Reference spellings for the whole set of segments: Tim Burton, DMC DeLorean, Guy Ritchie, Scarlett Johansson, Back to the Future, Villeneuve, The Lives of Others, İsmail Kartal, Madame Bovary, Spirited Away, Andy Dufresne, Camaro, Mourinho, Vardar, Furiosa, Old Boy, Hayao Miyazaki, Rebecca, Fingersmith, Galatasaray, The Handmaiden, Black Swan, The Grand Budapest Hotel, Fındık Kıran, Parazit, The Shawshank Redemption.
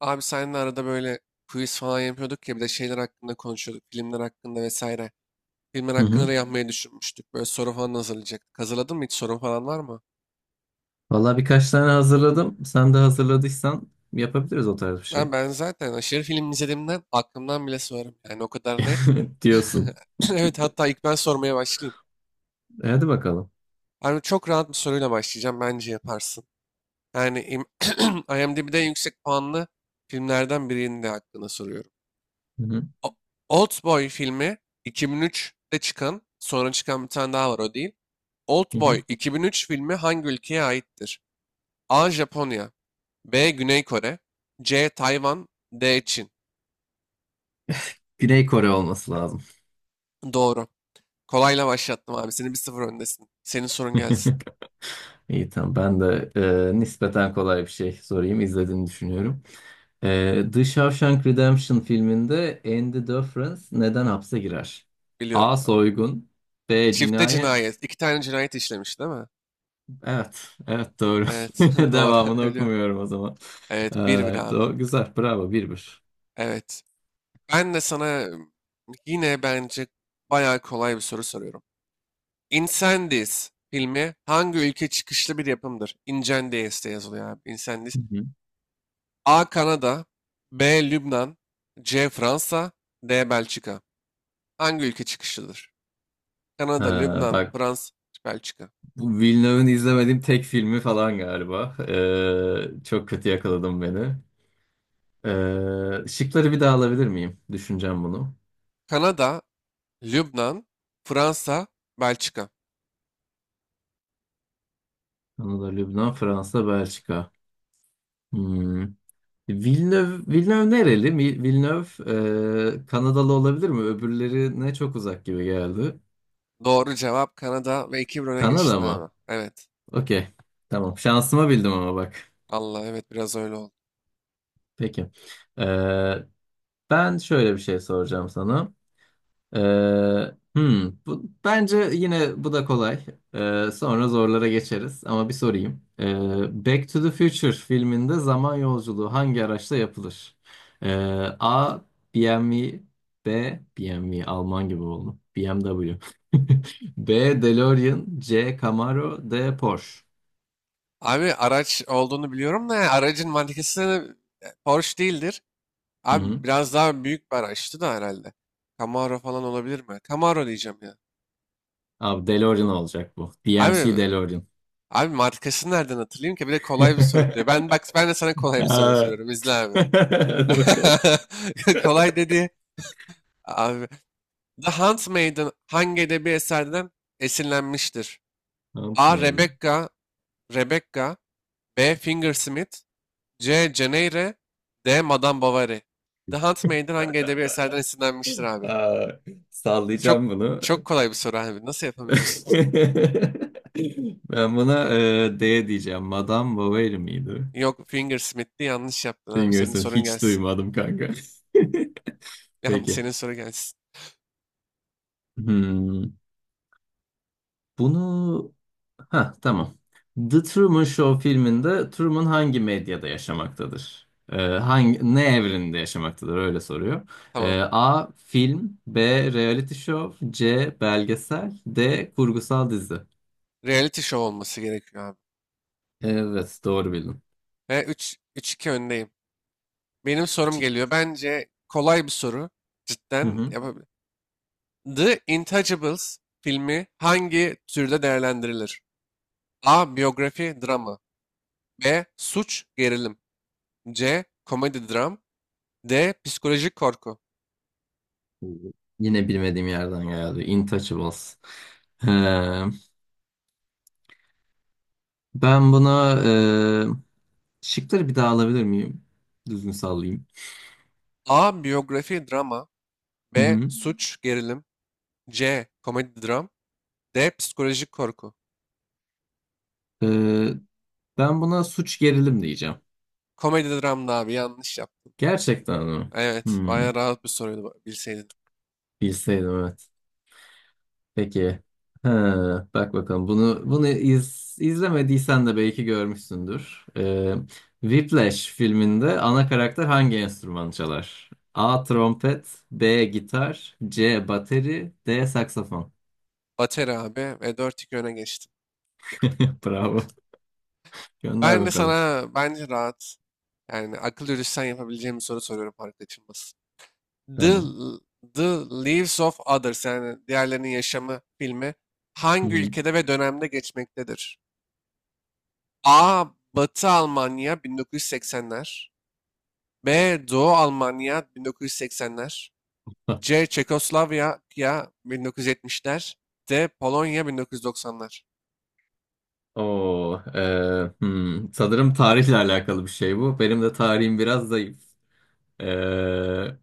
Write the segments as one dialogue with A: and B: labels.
A: Abi seninle arada böyle quiz falan yapıyorduk ya bir de şeyler hakkında konuşuyorduk. Filmler hakkında vesaire. Filmler
B: Hı
A: hakkında
B: hı.
A: da yapmayı düşünmüştük. Böyle soru falan hazırlayacaktık. Hazırladın mı hiç sorun falan var mı?
B: Valla birkaç tane hazırladım. Sen de hazırladıysan yapabiliriz o tarz bir
A: Ben,
B: şey.
A: ben zaten aşırı film izlediğimden aklımdan bile sorarım. Yani o kadar net.
B: Diyorsun.
A: Evet, hatta ilk ben sormaya başlayayım.
B: Hadi bakalım.
A: Abi çok rahat bir soruyla başlayacağım. Bence yaparsın. Yani IMDb'de yüksek puanlı filmlerden birinin de hakkında soruyorum.
B: Hı hı.
A: O- Oldboy filmi 2003'te çıkan, sonra çıkan bir tane daha var, o değil.
B: Hı
A: Oldboy
B: hı.
A: 2003 filmi hangi ülkeye aittir? A. Japonya, B. Güney Kore, C. Tayvan, D. Çin.
B: Güney Kore olması lazım.
A: Doğru. Kolayla başlattım abi. Senin 1-0 öndesin. Senin sorun gelsin.
B: İyi, tamam. Ben de nispeten kolay bir şey sorayım. İzlediğini düşünüyorum. The Shawshank Redemption filminde Andy Dufresne neden hapse girer?
A: Biliyorum
B: A.
A: abi.
B: Soygun. B.
A: Çifte
B: Cinayet.
A: cinayet. İki tane cinayet işlemiş, değil mi?
B: Evet. Evet, doğru.
A: Evet. Doğru.
B: Devamını
A: Biliyorum.
B: okumuyorum o zaman. E,
A: Evet. 1-1 abi.
B: Güzel. Bravo. 1-1.
A: Evet. Ben de sana yine bence bayağı kolay bir soru soruyorum. Incendies filmi hangi ülke çıkışlı bir yapımdır? Incendies diye yazılıyor abi. Incendies.
B: Hı hı.
A: A. Kanada, B. Lübnan, C. Fransa, D. Belçika. Hangi ülke çıkışıdır? Kanada,
B: Ha,
A: Lübnan,
B: bak,
A: Fransa, Belçika.
B: bu Villeneuve'ın izlemediğim tek filmi falan galiba. Çok kötü yakaladım beni. Şıkları bir daha alabilir miyim? Düşüneceğim bunu.
A: Kanada, Lübnan, Fransa, Belçika.
B: Kanada, Lübnan, Fransa, Belçika. Hmm. Villeneuve nereli? Villeneuve Kanadalı olabilir mi? Öbürleri ne çok uzak gibi geldi.
A: Doğru cevap Kanada, ve iki 1 öne
B: Kanada
A: geçtin
B: mı?
A: abi. Evet.
B: Okey. Tamam. Şansıma bildim ama bak.
A: Allah, evet biraz öyle oldu.
B: Peki. Ee, Ben şöyle bir şey soracağım sana. Ee, bence yine bu da kolay. Sonra zorlara geçeriz ama bir sorayım. Back to the Future filminde zaman yolculuğu hangi araçla yapılır? Ee, A. BMW B. BMW Alman gibi oldu. BMW B. DeLorean C. Camaro D. Porsche.
A: Abi araç olduğunu biliyorum da, yani aracın markası da Porsche değildir.
B: Hı
A: Abi
B: hı.
A: biraz daha büyük bir araçtı da herhalde. Camaro falan olabilir mi? Camaro diyeceğim ya.
B: Abi DeLorean olacak bu.
A: Abi
B: DMC DeLorean.
A: Abi markasını nereden hatırlayayım ki? Bir de kolay bir soru diyor. Ben, bak, ben de sana kolay bir soru
B: Aa.
A: soruyorum. İzle abi.
B: Hadi bakalım.
A: Kolay dedi. Abi. The Handmaiden hangi edebi eserden esinlenmiştir? A.
B: Unutmayalım.
A: Rebecca, B. Fingersmith, C. Ceneyre, D. Madame Bovary. The Handmaiden hangi edebi eserden esinlenmiştir abi?
B: Aa,
A: Çok
B: sallayacağım bunu.
A: çok kolay bir soru abi. Nasıl yapamıyorsun?
B: Ben buna D diyeceğim. Madame Bovary miydi?
A: Yok, Fingersmith'ti, yanlış yaptın abi. Senin
B: Fingers'ın
A: sorun
B: hiç
A: gelsin.
B: duymadım, kanka. Peki.
A: Senin soru gelsin.
B: Hmm, bunu... Ha, tamam. The Truman Show filminde Truman hangi medyada yaşamaktadır? Ne evreninde yaşamaktadır? Öyle soruyor.
A: Tamam.
B: A. Film B. Reality show C. Belgesel D. Kurgusal dizi.
A: Reality show olması gerekiyor abi.
B: Evet, doğru bildin.
A: Ve 3 3-2 öndeyim. Benim sorum geliyor. Bence kolay bir soru.
B: Hı
A: Cidden
B: hı.
A: yapabilir. The Intouchables filmi hangi türde değerlendirilir? A. Biyografi, drama. B. Suç, gerilim. C. Komedi, dram. D. Psikolojik korku.
B: Yine bilmediğim yerden geldi. Intouchables. Ee, Ben buna şıkları bir daha alabilir miyim? Düzgün sallayayım.
A: A. Biyografi, drama.
B: Hı
A: B.
B: hı.
A: Suç, gerilim. C. Komedi dram. D. Psikolojik korku.
B: Ee, Ben buna suç gerilim diyeceğim.
A: Komedi dramdı abi, yanlış yaptım.
B: Gerçekten mi?
A: Evet,
B: Hmm,
A: bayağı rahat bir soruydu bilseydin.
B: bilseydim evet. Peki. Ha, bak bakalım bunu izlemediysen de belki görmüşsündür. Whiplash filminde ana karakter hangi enstrümanı çalar? A. Trompet B. Gitar C. Bateri D. Saksafon.
A: Bateri abi, ve dört 2 öne geçtim.
B: Bravo. Gönder
A: Ben de
B: bakalım.
A: sana bence rahat, yani akıl yürütsen yapabileceğim bir soru soruyorum, fark açılmasın. The,
B: Tamam.
A: The Lives of Others, yani diğerlerinin yaşamı filmi hangi
B: Hı-hı.
A: ülkede ve dönemde geçmektedir? A. Batı Almanya 1980'ler. B. Doğu Almanya 1980'ler. C. Çekoslovakya 1970'ler. D. Polonya 1990'lar.
B: Oo, e, hmm. Sanırım tarihle alakalı bir şey bu. Benim de tarihim biraz zayıf. Ee,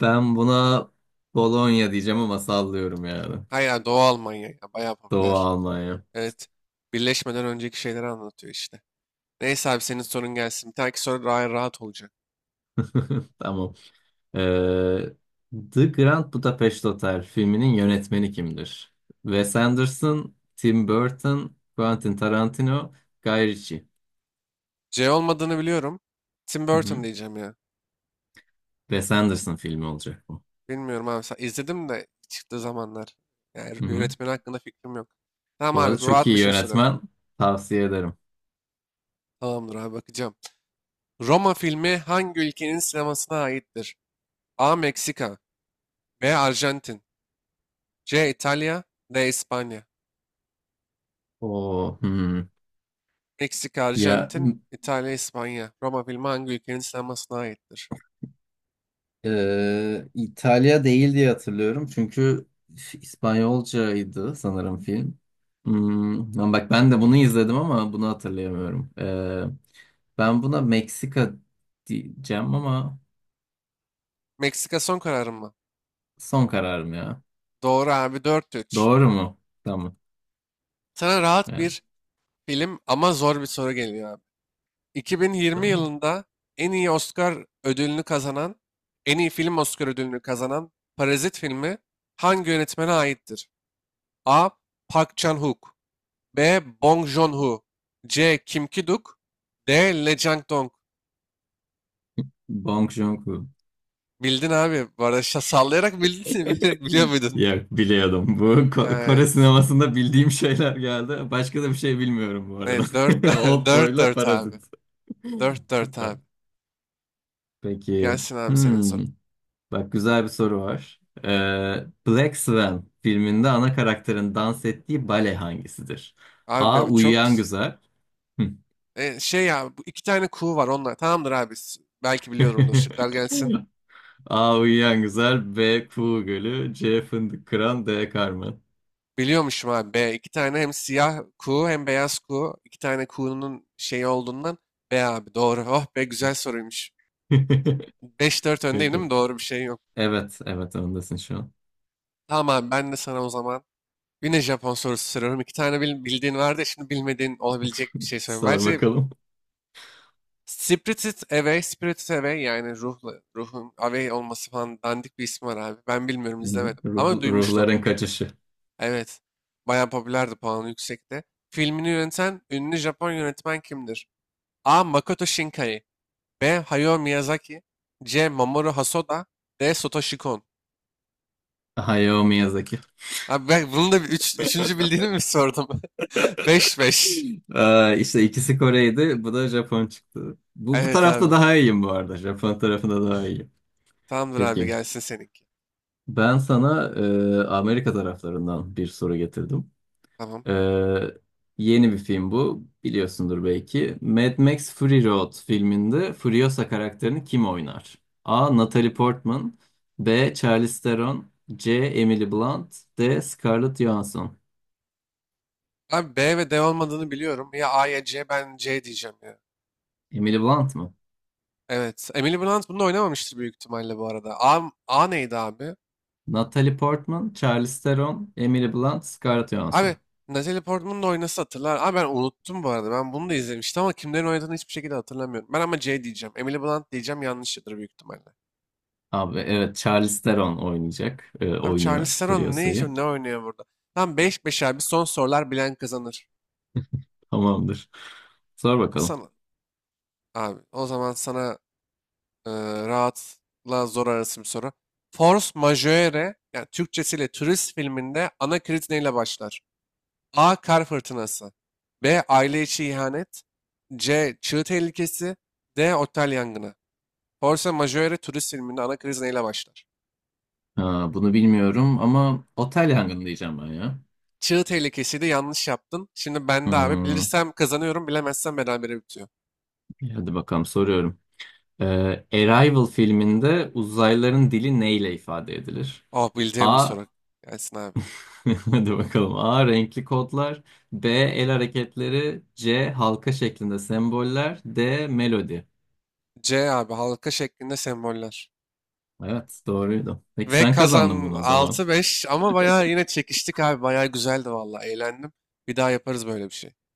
B: Ben buna Bologna diyeceğim ama sallıyorum yani.
A: Hayır, ya Doğu Almanya, ya bayağı
B: Doğu
A: popüler.
B: Almanya.
A: Evet. Birleşmeden önceki şeyleri anlatıyor işte. Neyse abi, senin sorun gelsin. Bir dahaki soru daha rahat olacak.
B: Tamam. Ee, The Grand Budapest Hotel filminin yönetmeni kimdir? Wes Anderson, Tim Burton, Quentin Tarantino, Guy Ritchie.
A: C olmadığını biliyorum. Tim
B: Hı
A: Burton
B: hı.
A: diyeceğim ya.
B: Wes Anderson filmi olacak bu.
A: Bilmiyorum abi. İzledim de çıktığı zamanlar. Yani
B: Hı hı.
A: yönetmenin hakkında fikrim yok. Tamam
B: Bu arada
A: abi,
B: çok
A: rahat bir
B: iyi
A: şey soruyorum.
B: yönetmen. Tavsiye ederim.
A: Tamamdır abi, bakacağım. Roma filmi hangi ülkenin sinemasına aittir? A. Meksika. B. Arjantin. C. İtalya. D. İspanya.
B: O
A: Meksika,
B: Ya
A: Arjantin, İtalya, İspanya. Roma filmi hangi ülkenin sinemasına aittir?
B: İtalya değil diye hatırlıyorum. Çünkü İspanyolcaydı sanırım film. Hmm, lan bak, ben de bunu izledim ama bunu hatırlayamıyorum. Ben buna Meksika diyeceğim ama
A: Meksika son kararım mı?
B: son kararım ya.
A: Doğru abi, 4-3.
B: Doğru mu? Tamam.
A: Sana rahat
B: Evet,
A: bir film ama zor bir soru geliyor abi. 2020
B: tamam.
A: yılında en iyi Oscar ödülünü kazanan, en iyi film Oscar ödülünü kazanan Parazit filmi hangi yönetmene aittir? A. Park Chan-wook, B. Bong Joon-ho, C. Kim Ki-duk, D. Lee Chang-dong.
B: Bong Joon-ho.
A: Bildin abi. Bu arada sallayarak bildin. Biliyor muydun?
B: Ya, biliyordum. Bu Kore
A: Evet.
B: sinemasında bildiğim şeyler geldi. Başka da bir şey bilmiyorum bu arada.
A: Ne? Dört,
B: Old
A: dört,
B: Boy'la
A: dört abi.
B: Parazit.
A: 4-4
B: Süper.
A: abi.
B: Peki.
A: Gelsin abi, senin
B: Hmm.
A: sorun.
B: Bak, güzel bir soru var. Black Swan filminde ana karakterin dans ettiği bale hangisidir?
A: Abi
B: A.
A: be, çok
B: Uyuyan Güzel. Hı.
A: şey ya, bu iki tane kuğu var onlar. Tamamdır abi. Belki biliyorumdur. Şıklar gelsin.
B: A. Uyuyan Güzel. B. Kuğu Gölü. C. Fındık Kıran. D. Carmen.
A: Biliyormuşum abi. B. İki tane hem siyah kuğu hem beyaz kuğu. İki tane kuğunun şeyi olduğundan B abi. Doğru. Oh be, güzel soruymuş. 5-4 öndeyim, değil
B: Peki.
A: mi? Doğru bir şey yok.
B: Evet, evet, ondasın şu an.
A: Tamam abi, ben de sana o zaman yine Japon sorusu soruyorum. İki tane bildiğin vardı. Ya, şimdi bilmediğin olabilecek bir şey söyleyeyim.
B: Sor
A: Bence
B: bakalım.
A: Spirited Away, Spirited Away, yani ruhun away olması falan, dandik bir ismi var abi. Ben bilmiyorum,
B: Hı.
A: izlemedim ama duymuştum.
B: Ruhların kaçışı.
A: Evet. Bayağı popülerdi, puanı yüksekte. Filmini yöneten ünlü Japon yönetmen kimdir? A. Makoto Shinkai, B. Hayao Miyazaki, C. Mamoru Hosoda, D. Satoshi Kon.
B: Hayao Miyazaki.
A: Abi ben bunun da bir üçüncü bildiğini mi sordum? 5-5.
B: İşte ikisi Kore'ydi. Bu da Japon çıktı. Bu
A: Evet
B: tarafta
A: abi.
B: daha iyiyim bu arada. Japon tarafında daha iyiyim.
A: Tamamdır abi,
B: Peki.
A: gelsin seninki.
B: Ben sana Amerika taraflarından bir soru getirdim.
A: Tamam.
B: E, Yeni bir film bu. Biliyorsundur belki. Mad Max Fury Road filminde Furiosa karakterini kim oynar? A. Natalie Portman B. Charlize Theron C. Emily Blunt D. Scarlett Johansson.
A: Abi B ve D olmadığını biliyorum. Ya A ya C, ben C diyeceğim ya.
B: Emily Blunt mı?
A: Evet. Emily Blunt bunu oynamamıştır büyük ihtimalle bu arada. A neydi abi?
B: Natalie Portman, Charlize Theron, Emily Blunt, Scarlett
A: Abi
B: Johansson.
A: Natalie Portman'ın da oynasa hatırlar. Abi ben unuttum bu arada. Ben bunu da izlemiştim ama kimlerin oynadığını hiçbir şekilde hatırlamıyorum. Ben ama C diyeceğim. Emily Blunt diyeceğim, yanlışıdır büyük ihtimalle.
B: Abi, evet, Charlize Theron oynayacak.
A: Abi
B: Oynuyor
A: Charlize Theron
B: Furiosa'yı.
A: ne oynuyor burada? Tam 5-5 abi, son sorular bilen kazanır.
B: Tamamdır. Sor bakalım.
A: Sana abi, o zaman sana. Ee, Rahatla zor arasım soru. Force majeure, yani Türkçesiyle turist filminde ana kriz neyle başlar? A. Kar fırtınası. B. Aile içi ihanet. C. Çığ tehlikesi. D. Otel yangını. Force majeure turist filminde ana kriz neyle başlar?
B: Ha, bunu bilmiyorum ama otel yangını diyeceğim ben ya.
A: Çığ tehlikesiydi, yanlış yaptın. Şimdi ben de abi
B: Hmm,
A: bilirsem kazanıyorum, bilemezsem berabere bitiyor.
B: hadi bakalım, soruyorum. Ee, Arrival filminde uzaylıların dili neyle ifade edilir?
A: Oh, bildiğim bir
B: A.
A: soru. Gelsin abi.
B: Hadi bakalım. A. Renkli kodlar. B. El hareketleri. C. Halka şeklinde semboller. D. Melodi.
A: C abi, halka şeklinde semboller.
B: Evet, doğruydu. Peki,
A: Ve
B: sen kazandın
A: kazan
B: bunu o zaman.
A: 6-5, ama bayağı yine çekiştik abi. Bayağı güzeldi vallahi, eğlendim. Bir daha yaparız böyle bir şey.